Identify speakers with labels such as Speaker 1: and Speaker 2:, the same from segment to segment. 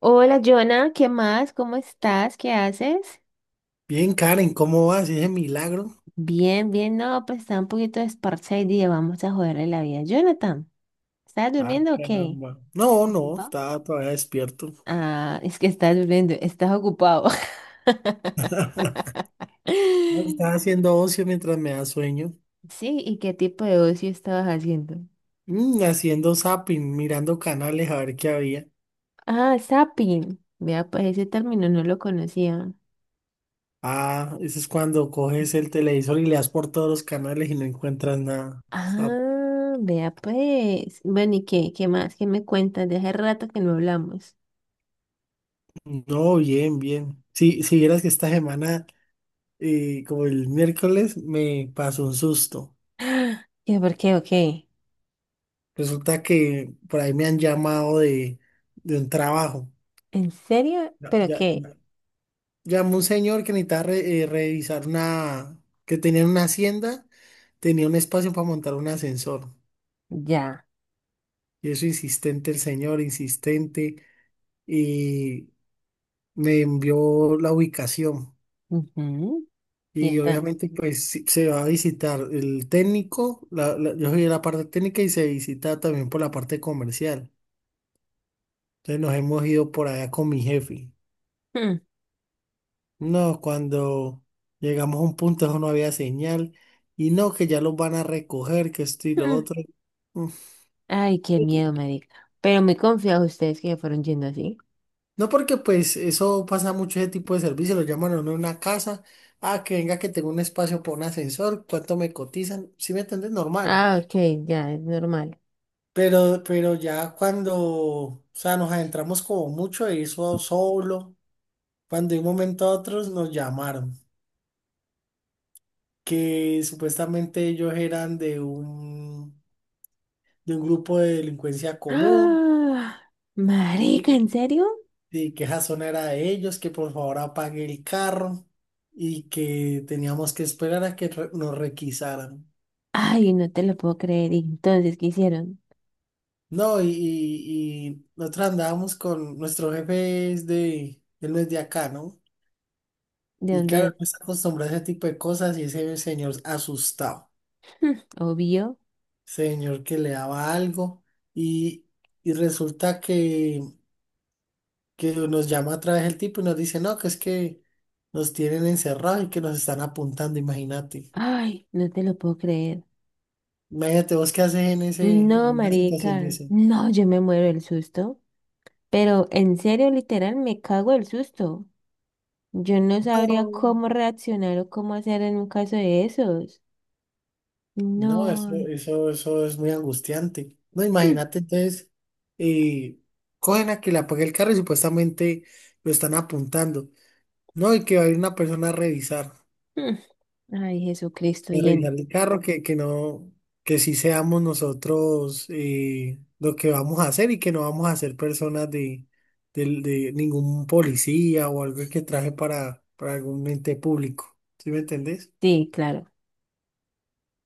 Speaker 1: Hola, Jonah, ¿qué más? ¿Cómo estás? ¿Qué haces?
Speaker 2: Bien, Karen, ¿cómo vas? ¿Ese milagro?
Speaker 1: Bien, bien, no, pues está un poquito desparchado y dije, vamos a joderle la vida. Jonathan, ¿estás
Speaker 2: Ah,
Speaker 1: durmiendo o qué?
Speaker 2: caramba. No, no,
Speaker 1: ¿Ocupado?
Speaker 2: estaba todavía despierto.
Speaker 1: Ah, es que estás durmiendo, estás ocupado.
Speaker 2: No, estaba haciendo ocio mientras me da sueño.
Speaker 1: Sí, ¿y qué tipo de ocio estabas haciendo?
Speaker 2: Haciendo zapping, mirando canales a ver qué había.
Speaker 1: Ah, zapping. Vea, pues ese término no lo conocía.
Speaker 2: Ah, eso es cuando coges el televisor y le das por todos los canales y no encuentras nada. Está-
Speaker 1: Ah, vea, pues. Bueno, ¿y qué? ¿Qué más? ¿Qué me cuentas? De hace rato que no hablamos.
Speaker 2: no, bien, bien. Sí, si vieras que esta semana, como el miércoles, me pasó un susto.
Speaker 1: ¿Qué por qué? ¿O qué?
Speaker 2: Resulta que por ahí me han llamado de un trabajo.
Speaker 1: ¿En serio?
Speaker 2: Ya,
Speaker 1: ¿Pero
Speaker 2: ya,
Speaker 1: qué?
Speaker 2: llamó un señor que necesitaba revisar una, que tenía una hacienda, tenía un espacio para montar un ascensor.
Speaker 1: Ya.
Speaker 2: Y eso insistente el señor, insistente, y me envió la ubicación.
Speaker 1: Ujú. Y
Speaker 2: Y
Speaker 1: entonces.
Speaker 2: obviamente pues sí, se va a visitar el técnico, yo soy de la parte técnica y se visita también por la parte comercial. Entonces nos hemos ido por allá con mi jefe.
Speaker 1: Mm,
Speaker 2: No, cuando llegamos a un punto eso no había señal y no, que ya los van a recoger, que esto y lo
Speaker 1: mm.
Speaker 2: otro. Mm.
Speaker 1: Ay, qué miedo, marica. Pero muy confiados ustedes que se fueron yendo así.
Speaker 2: No, porque pues eso pasa mucho ese tipo de servicio, lo llaman a uno a una casa, ah, que venga que tengo un espacio para un ascensor, cuánto me cotizan, si me entiendes, normal.
Speaker 1: Ah, ok, ya, es normal.
Speaker 2: Pero ya cuando, o sea, nos adentramos como mucho de eso solo, cuando de un momento a otro nos llamaron, que supuestamente ellos eran de un grupo de delincuencia común,
Speaker 1: ¡Ah! Marica,
Speaker 2: y
Speaker 1: ¿en serio?
Speaker 2: y que esa zona era de ellos, que por favor apague el carro y que teníamos que esperar a que re- nos requisaran.
Speaker 1: Ay, no te lo puedo creer. ¿Y entonces qué hicieron?
Speaker 2: No, y, y nosotros andábamos con nuestro jefe es de, él no es de acá, ¿no?
Speaker 1: ¿De
Speaker 2: Y
Speaker 1: dónde
Speaker 2: claro,
Speaker 1: es?
Speaker 2: no está acostumbrado a ese tipo de cosas y ese señor asustado,
Speaker 1: Mm, obvio.
Speaker 2: señor que le daba algo y, y resulta que nos llama otra vez el tipo y nos dice, no, que es que nos tienen encerrados y que nos están apuntando, imagínate.
Speaker 1: Ay, no te lo puedo creer.
Speaker 2: Imagínate vos qué haces en ese,
Speaker 1: No,
Speaker 2: en una situación de
Speaker 1: marica.
Speaker 2: eso.
Speaker 1: No, yo me muero del susto. Pero en serio, literal, me cago del susto. Yo no sabría
Speaker 2: No,
Speaker 1: cómo reaccionar o cómo hacer en un caso de esos.
Speaker 2: no, eso,
Speaker 1: No.
Speaker 2: eso, eso es muy angustiante. No, imagínate entonces, eh, cogen a que le apague el carro y supuestamente lo están apuntando. No, y que va a ir una persona a revisar.
Speaker 1: Mm, mm. Ay, Jesucristo,
Speaker 2: De
Speaker 1: y en
Speaker 2: revisar el carro, que no, que sí seamos nosotros lo que vamos a hacer y que no vamos a ser personas de, de ningún policía o algo que traje para algún ente público. ¿Sí me entendés?
Speaker 1: sí, claro.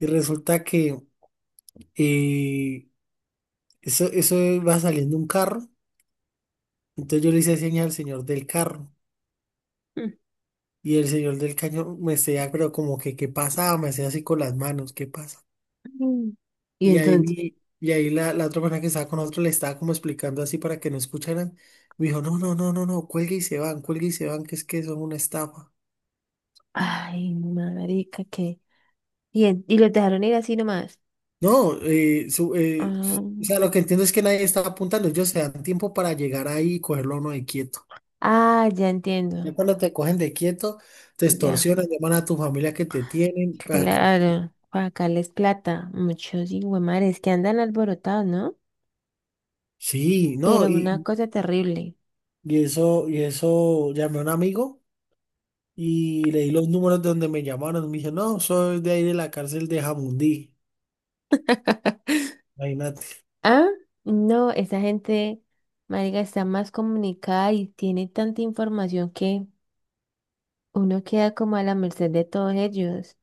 Speaker 2: Y resulta que eh, eso, eso va saliendo un carro. Entonces yo le hice señas al señor del carro.
Speaker 1: Mm,
Speaker 2: Y el señor del caño me decía, pero como que, ¿qué pasa? Me decía así con las manos, ¿qué pasa?
Speaker 1: mm. Y
Speaker 2: Y ahí,
Speaker 1: entonces,
Speaker 2: y ahí la otra persona que estaba con nosotros le estaba como explicando así para que no escucharan. Me dijo, no, no, no, no, no, cuelgue y se van, cuelgue y se van, que es que son una estafa.
Speaker 1: ay, marica, qué. Bien, y los dejaron ir así nomás.
Speaker 2: No,
Speaker 1: Ah,
Speaker 2: o sea, lo que entiendo es que nadie estaba apuntando, ellos se dan tiempo para llegar ahí y cogerlo a uno de quieto.
Speaker 1: ah, ya entiendo.
Speaker 2: Ya cuando te cogen de quieto, te
Speaker 1: Ya,
Speaker 2: extorsionan, llaman a tu familia que te tienen pa' acá.
Speaker 1: claro. Para sacarles plata. Muchos hijuemares que andan alborotados, ¿no?
Speaker 2: Sí, no,
Speaker 1: Pero una cosa terrible.
Speaker 2: y eso, llamé a un amigo. Y le di los números de donde me llamaron. Me dijo, no, soy de ahí de la cárcel de Jamundí. Imagínate.
Speaker 1: Ah, no, esa gente, marica, está más comunicada y tiene tanta información que uno queda como a la merced de todos ellos.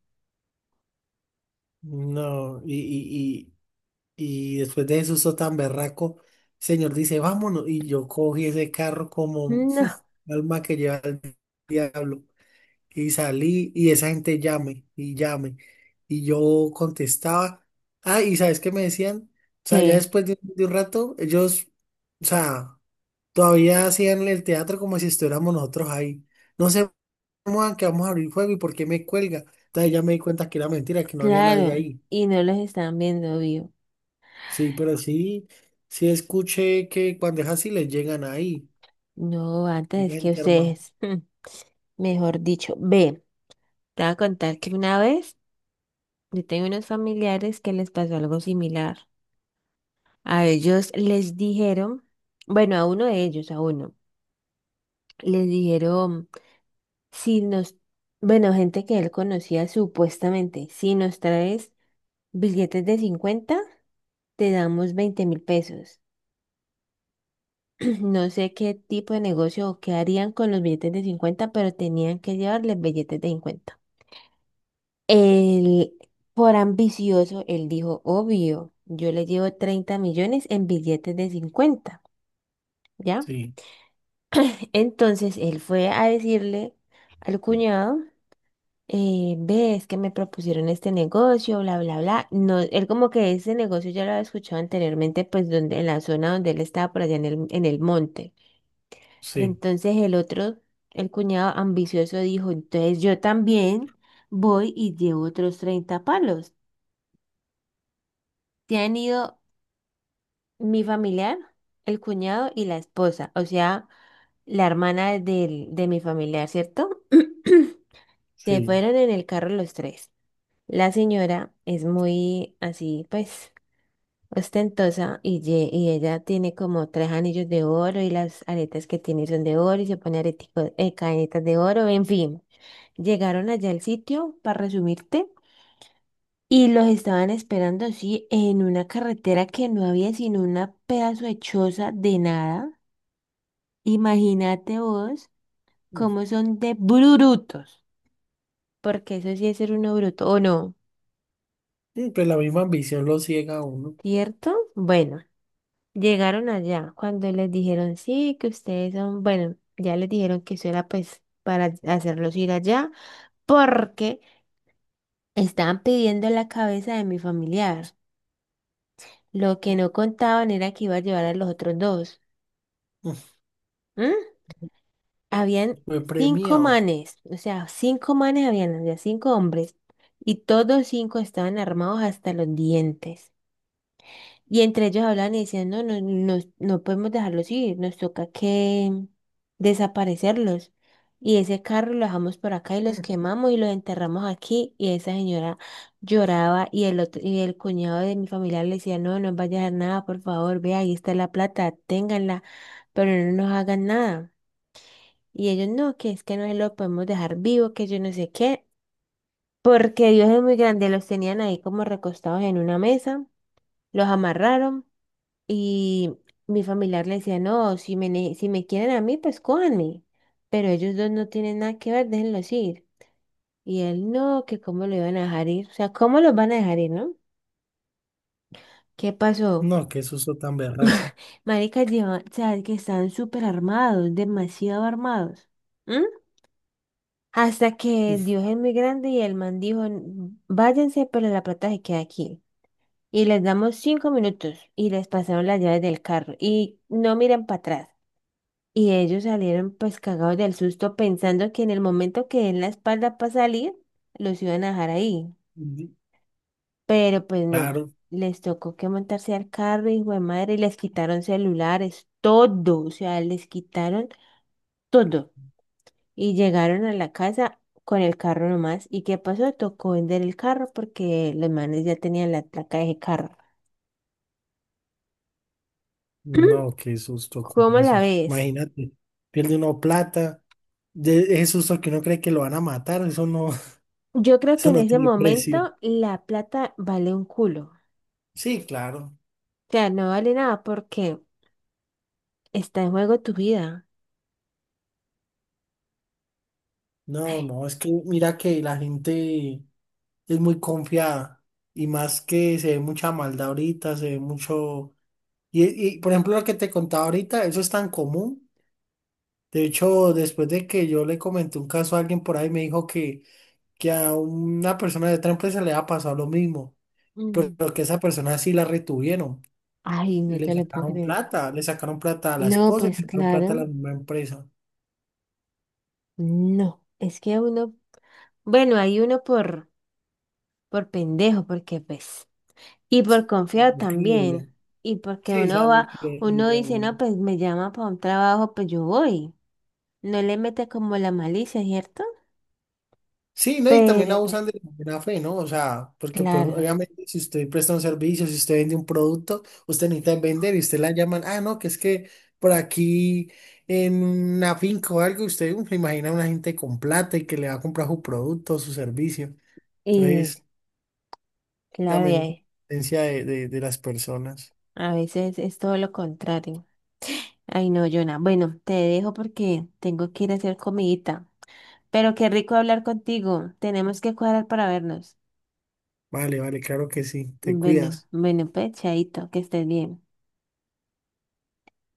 Speaker 2: No, y, y después de eso, eso tan berraco, el señor dice, vámonos. Y yo cogí ese carro como
Speaker 1: No,
Speaker 2: alma que lleva el diablo. Y salí y esa gente llame y llame. Y yo contestaba. Ah, ¿y sabes qué me decían? O sea, ya
Speaker 1: que
Speaker 2: después de un rato, ellos, o sea, todavía hacían el teatro como si estuviéramos nosotros ahí. No se muevan que vamos a abrir fuego y por qué me cuelga. Entonces ya me di cuenta que era mentira, que no había nadie
Speaker 1: claro,
Speaker 2: ahí.
Speaker 1: y no los están viendo vivo.
Speaker 2: Sí, pero sí, sí escuché que cuando es así les llegan ahí.
Speaker 1: No,
Speaker 2: Hay
Speaker 1: antes que
Speaker 2: gente armada.
Speaker 1: ustedes, mm, mejor dicho, ve, te voy a contar que una vez yo tengo unos familiares que les pasó algo similar. A ellos les dijeron, bueno, a uno de ellos, a uno, les dijeron. Si nos, bueno, gente que él conocía supuestamente, si nos traes billetes de 50 te damos 20.000 pesos. No sé qué tipo de negocio o qué harían con los billetes de 50 pero tenían que llevarles billetes de 50. Él, por ambicioso, él dijo, obvio, yo le llevo 30 millones en billetes de 50, ¿ya?
Speaker 2: Sí,
Speaker 1: Entonces él fue a decirle al cuñado ve, que me propusieron este negocio, bla, bla, bla. No, él como que ese negocio ya lo había escuchado anteriormente, pues donde, en la zona donde él estaba, por allá en el monte.
Speaker 2: sí,
Speaker 1: Entonces el otro, el cuñado ambicioso dijo, entonces yo también voy y llevo otros 30 palos. Se han ido mi familiar, el cuñado y la esposa, o sea, la hermana del, de mi familiar, ¿cierto? Se
Speaker 2: sí.
Speaker 1: fueron en el carro los tres. La señora es muy así, pues, ostentosa y, y ella tiene como tres anillos de oro y las aretas que tiene son de oro y se pone areticos, cadenitas de oro, en fin. Llegaron allá al sitio, para resumirte, y los estaban esperando así en una carretera que no había sino una pedazo de choza de nada. Imagínate vos cómo son de brutos, porque eso sí es ser uno bruto, ¿o no?
Speaker 2: Mm, pues la misma ambición lo ciega a uno.
Speaker 1: ¿Cierto? Bueno. Llegaron allá cuando les dijeron, sí, que ustedes son, bueno, ya les dijeron que eso era pues para hacerlos ir allá, porque estaban pidiendo la cabeza de mi familiar. Lo que no contaban era que iba a llevar a los otros dos. ¿Mm? Habían
Speaker 2: Mm, fue
Speaker 1: cinco
Speaker 2: premiado.
Speaker 1: manes, o sea, cinco manes habían, había cinco hombres, y todos cinco estaban armados hasta los dientes. Y entre ellos hablan y decían, no, no, no, no podemos dejarlos ir, nos toca que desaparecerlos. Y ese carro lo dejamos por acá y los quemamos y los enterramos aquí. Y esa señora lloraba y el otro, y el cuñado de mi familia le decía, no, no vaya a dejar nada, por favor, vea, ahí está la plata, ténganla, pero no nos hagan nada. Y ellos, no, que es que no se lo podemos dejar vivo, que yo no sé qué, porque Dios es muy grande, los tenían ahí como recostados en una mesa, los amarraron. Y mi familiar le decía, no, si me, si me quieren a mí, pues cójanme. Pero ellos dos no tienen nada que ver, déjenlos ir. Y él, no, que cómo lo iban a dejar ir. O sea, ¿cómo los van a dejar ir, no? ¿Qué
Speaker 2: Mm,
Speaker 1: pasó?
Speaker 2: no, qué susto tan berraco.
Speaker 1: Maricas llevan, o sea, que están súper armados, demasiado armados. ¿M? Hasta que Dios es muy grande y el man dijo, Váyanse, pero la plata se queda aquí. Y les damos 5 minutos y les pasaron las llaves del carro. Y no miren para atrás. Y ellos salieron pues cagados del susto pensando que en el momento que den la espalda para salir, los iban a dejar ahí.
Speaker 2: Mm,
Speaker 1: Pero pues no,
Speaker 2: claro,
Speaker 1: les tocó que montarse al carro, hijo de madre, y les quitaron celulares, todo, o sea, les quitaron todo. Y llegaron a la casa con el carro nomás. ¿Y qué pasó? Tocó vender el carro porque los manes ya tenían la placa de ese carro.
Speaker 2: no, qué susto con
Speaker 1: ¿Cómo la
Speaker 2: eso.
Speaker 1: ves?
Speaker 2: Imagínate, pierde uno plata. De ese susto que uno cree que lo van a matar, eso no,
Speaker 1: Yo creo que
Speaker 2: eso
Speaker 1: en
Speaker 2: no
Speaker 1: ese
Speaker 2: tiene precio.
Speaker 1: momento la plata vale un culo.
Speaker 2: Sí, claro.
Speaker 1: O sea, no vale nada porque está en juego tu vida.
Speaker 2: No,
Speaker 1: Ay,
Speaker 2: no, es que mira que la gente es muy confiada. Y más que se ve mucha maldad ahorita, se ve mucho... Y, y, por ejemplo, lo que te contaba ahorita, eso es tan común. De hecho, después de que yo le comenté un caso a alguien por ahí, me dijo que a una persona de otra empresa le ha pasado lo mismo,
Speaker 1: mm.
Speaker 2: pero que esa persona sí la retuvieron
Speaker 1: Ay,
Speaker 2: y
Speaker 1: no te lo puedo creer.
Speaker 2: le sacaron plata a la
Speaker 1: No,
Speaker 2: esposa y
Speaker 1: pues
Speaker 2: le sacaron plata a la
Speaker 1: claro,
Speaker 2: misma empresa.
Speaker 1: no. Es que uno, bueno, hay uno por pendejo, porque pues, y por
Speaker 2: Sí,
Speaker 1: confiado
Speaker 2: muy creíble.
Speaker 1: también. Y porque
Speaker 2: Sí,
Speaker 1: uno
Speaker 2: sea muy
Speaker 1: va, uno
Speaker 2: creíble.
Speaker 1: dice, no, pues me llama para un trabajo, pues yo voy. No le mete como la malicia, ¿cierto?
Speaker 2: Sí, ¿no? Y también
Speaker 1: Pero, pues,
Speaker 2: abusan de la buena fe, ¿no? O sea, porque pues
Speaker 1: claro,
Speaker 2: obviamente si usted presta un servicio, si usted vende un producto, usted necesita vender y usted la llaman, ah, no, que es que por aquí en una finca o algo, usted uf, se imagina a una gente con plata y que le va a comprar su producto o su servicio.
Speaker 1: y
Speaker 2: Entonces,
Speaker 1: claro, y
Speaker 2: también
Speaker 1: hay-
Speaker 2: la de las personas.
Speaker 1: a veces es todo lo contrario. Ay, no, Jonah. Bueno, te dejo porque tengo que ir a hacer comidita. Pero qué rico hablar contigo. Tenemos que cuadrar para vernos.
Speaker 2: Vale, vale, claro que sí, te
Speaker 1: Bueno,
Speaker 2: cuidas.
Speaker 1: bueno, pues, chaito, que estés bien.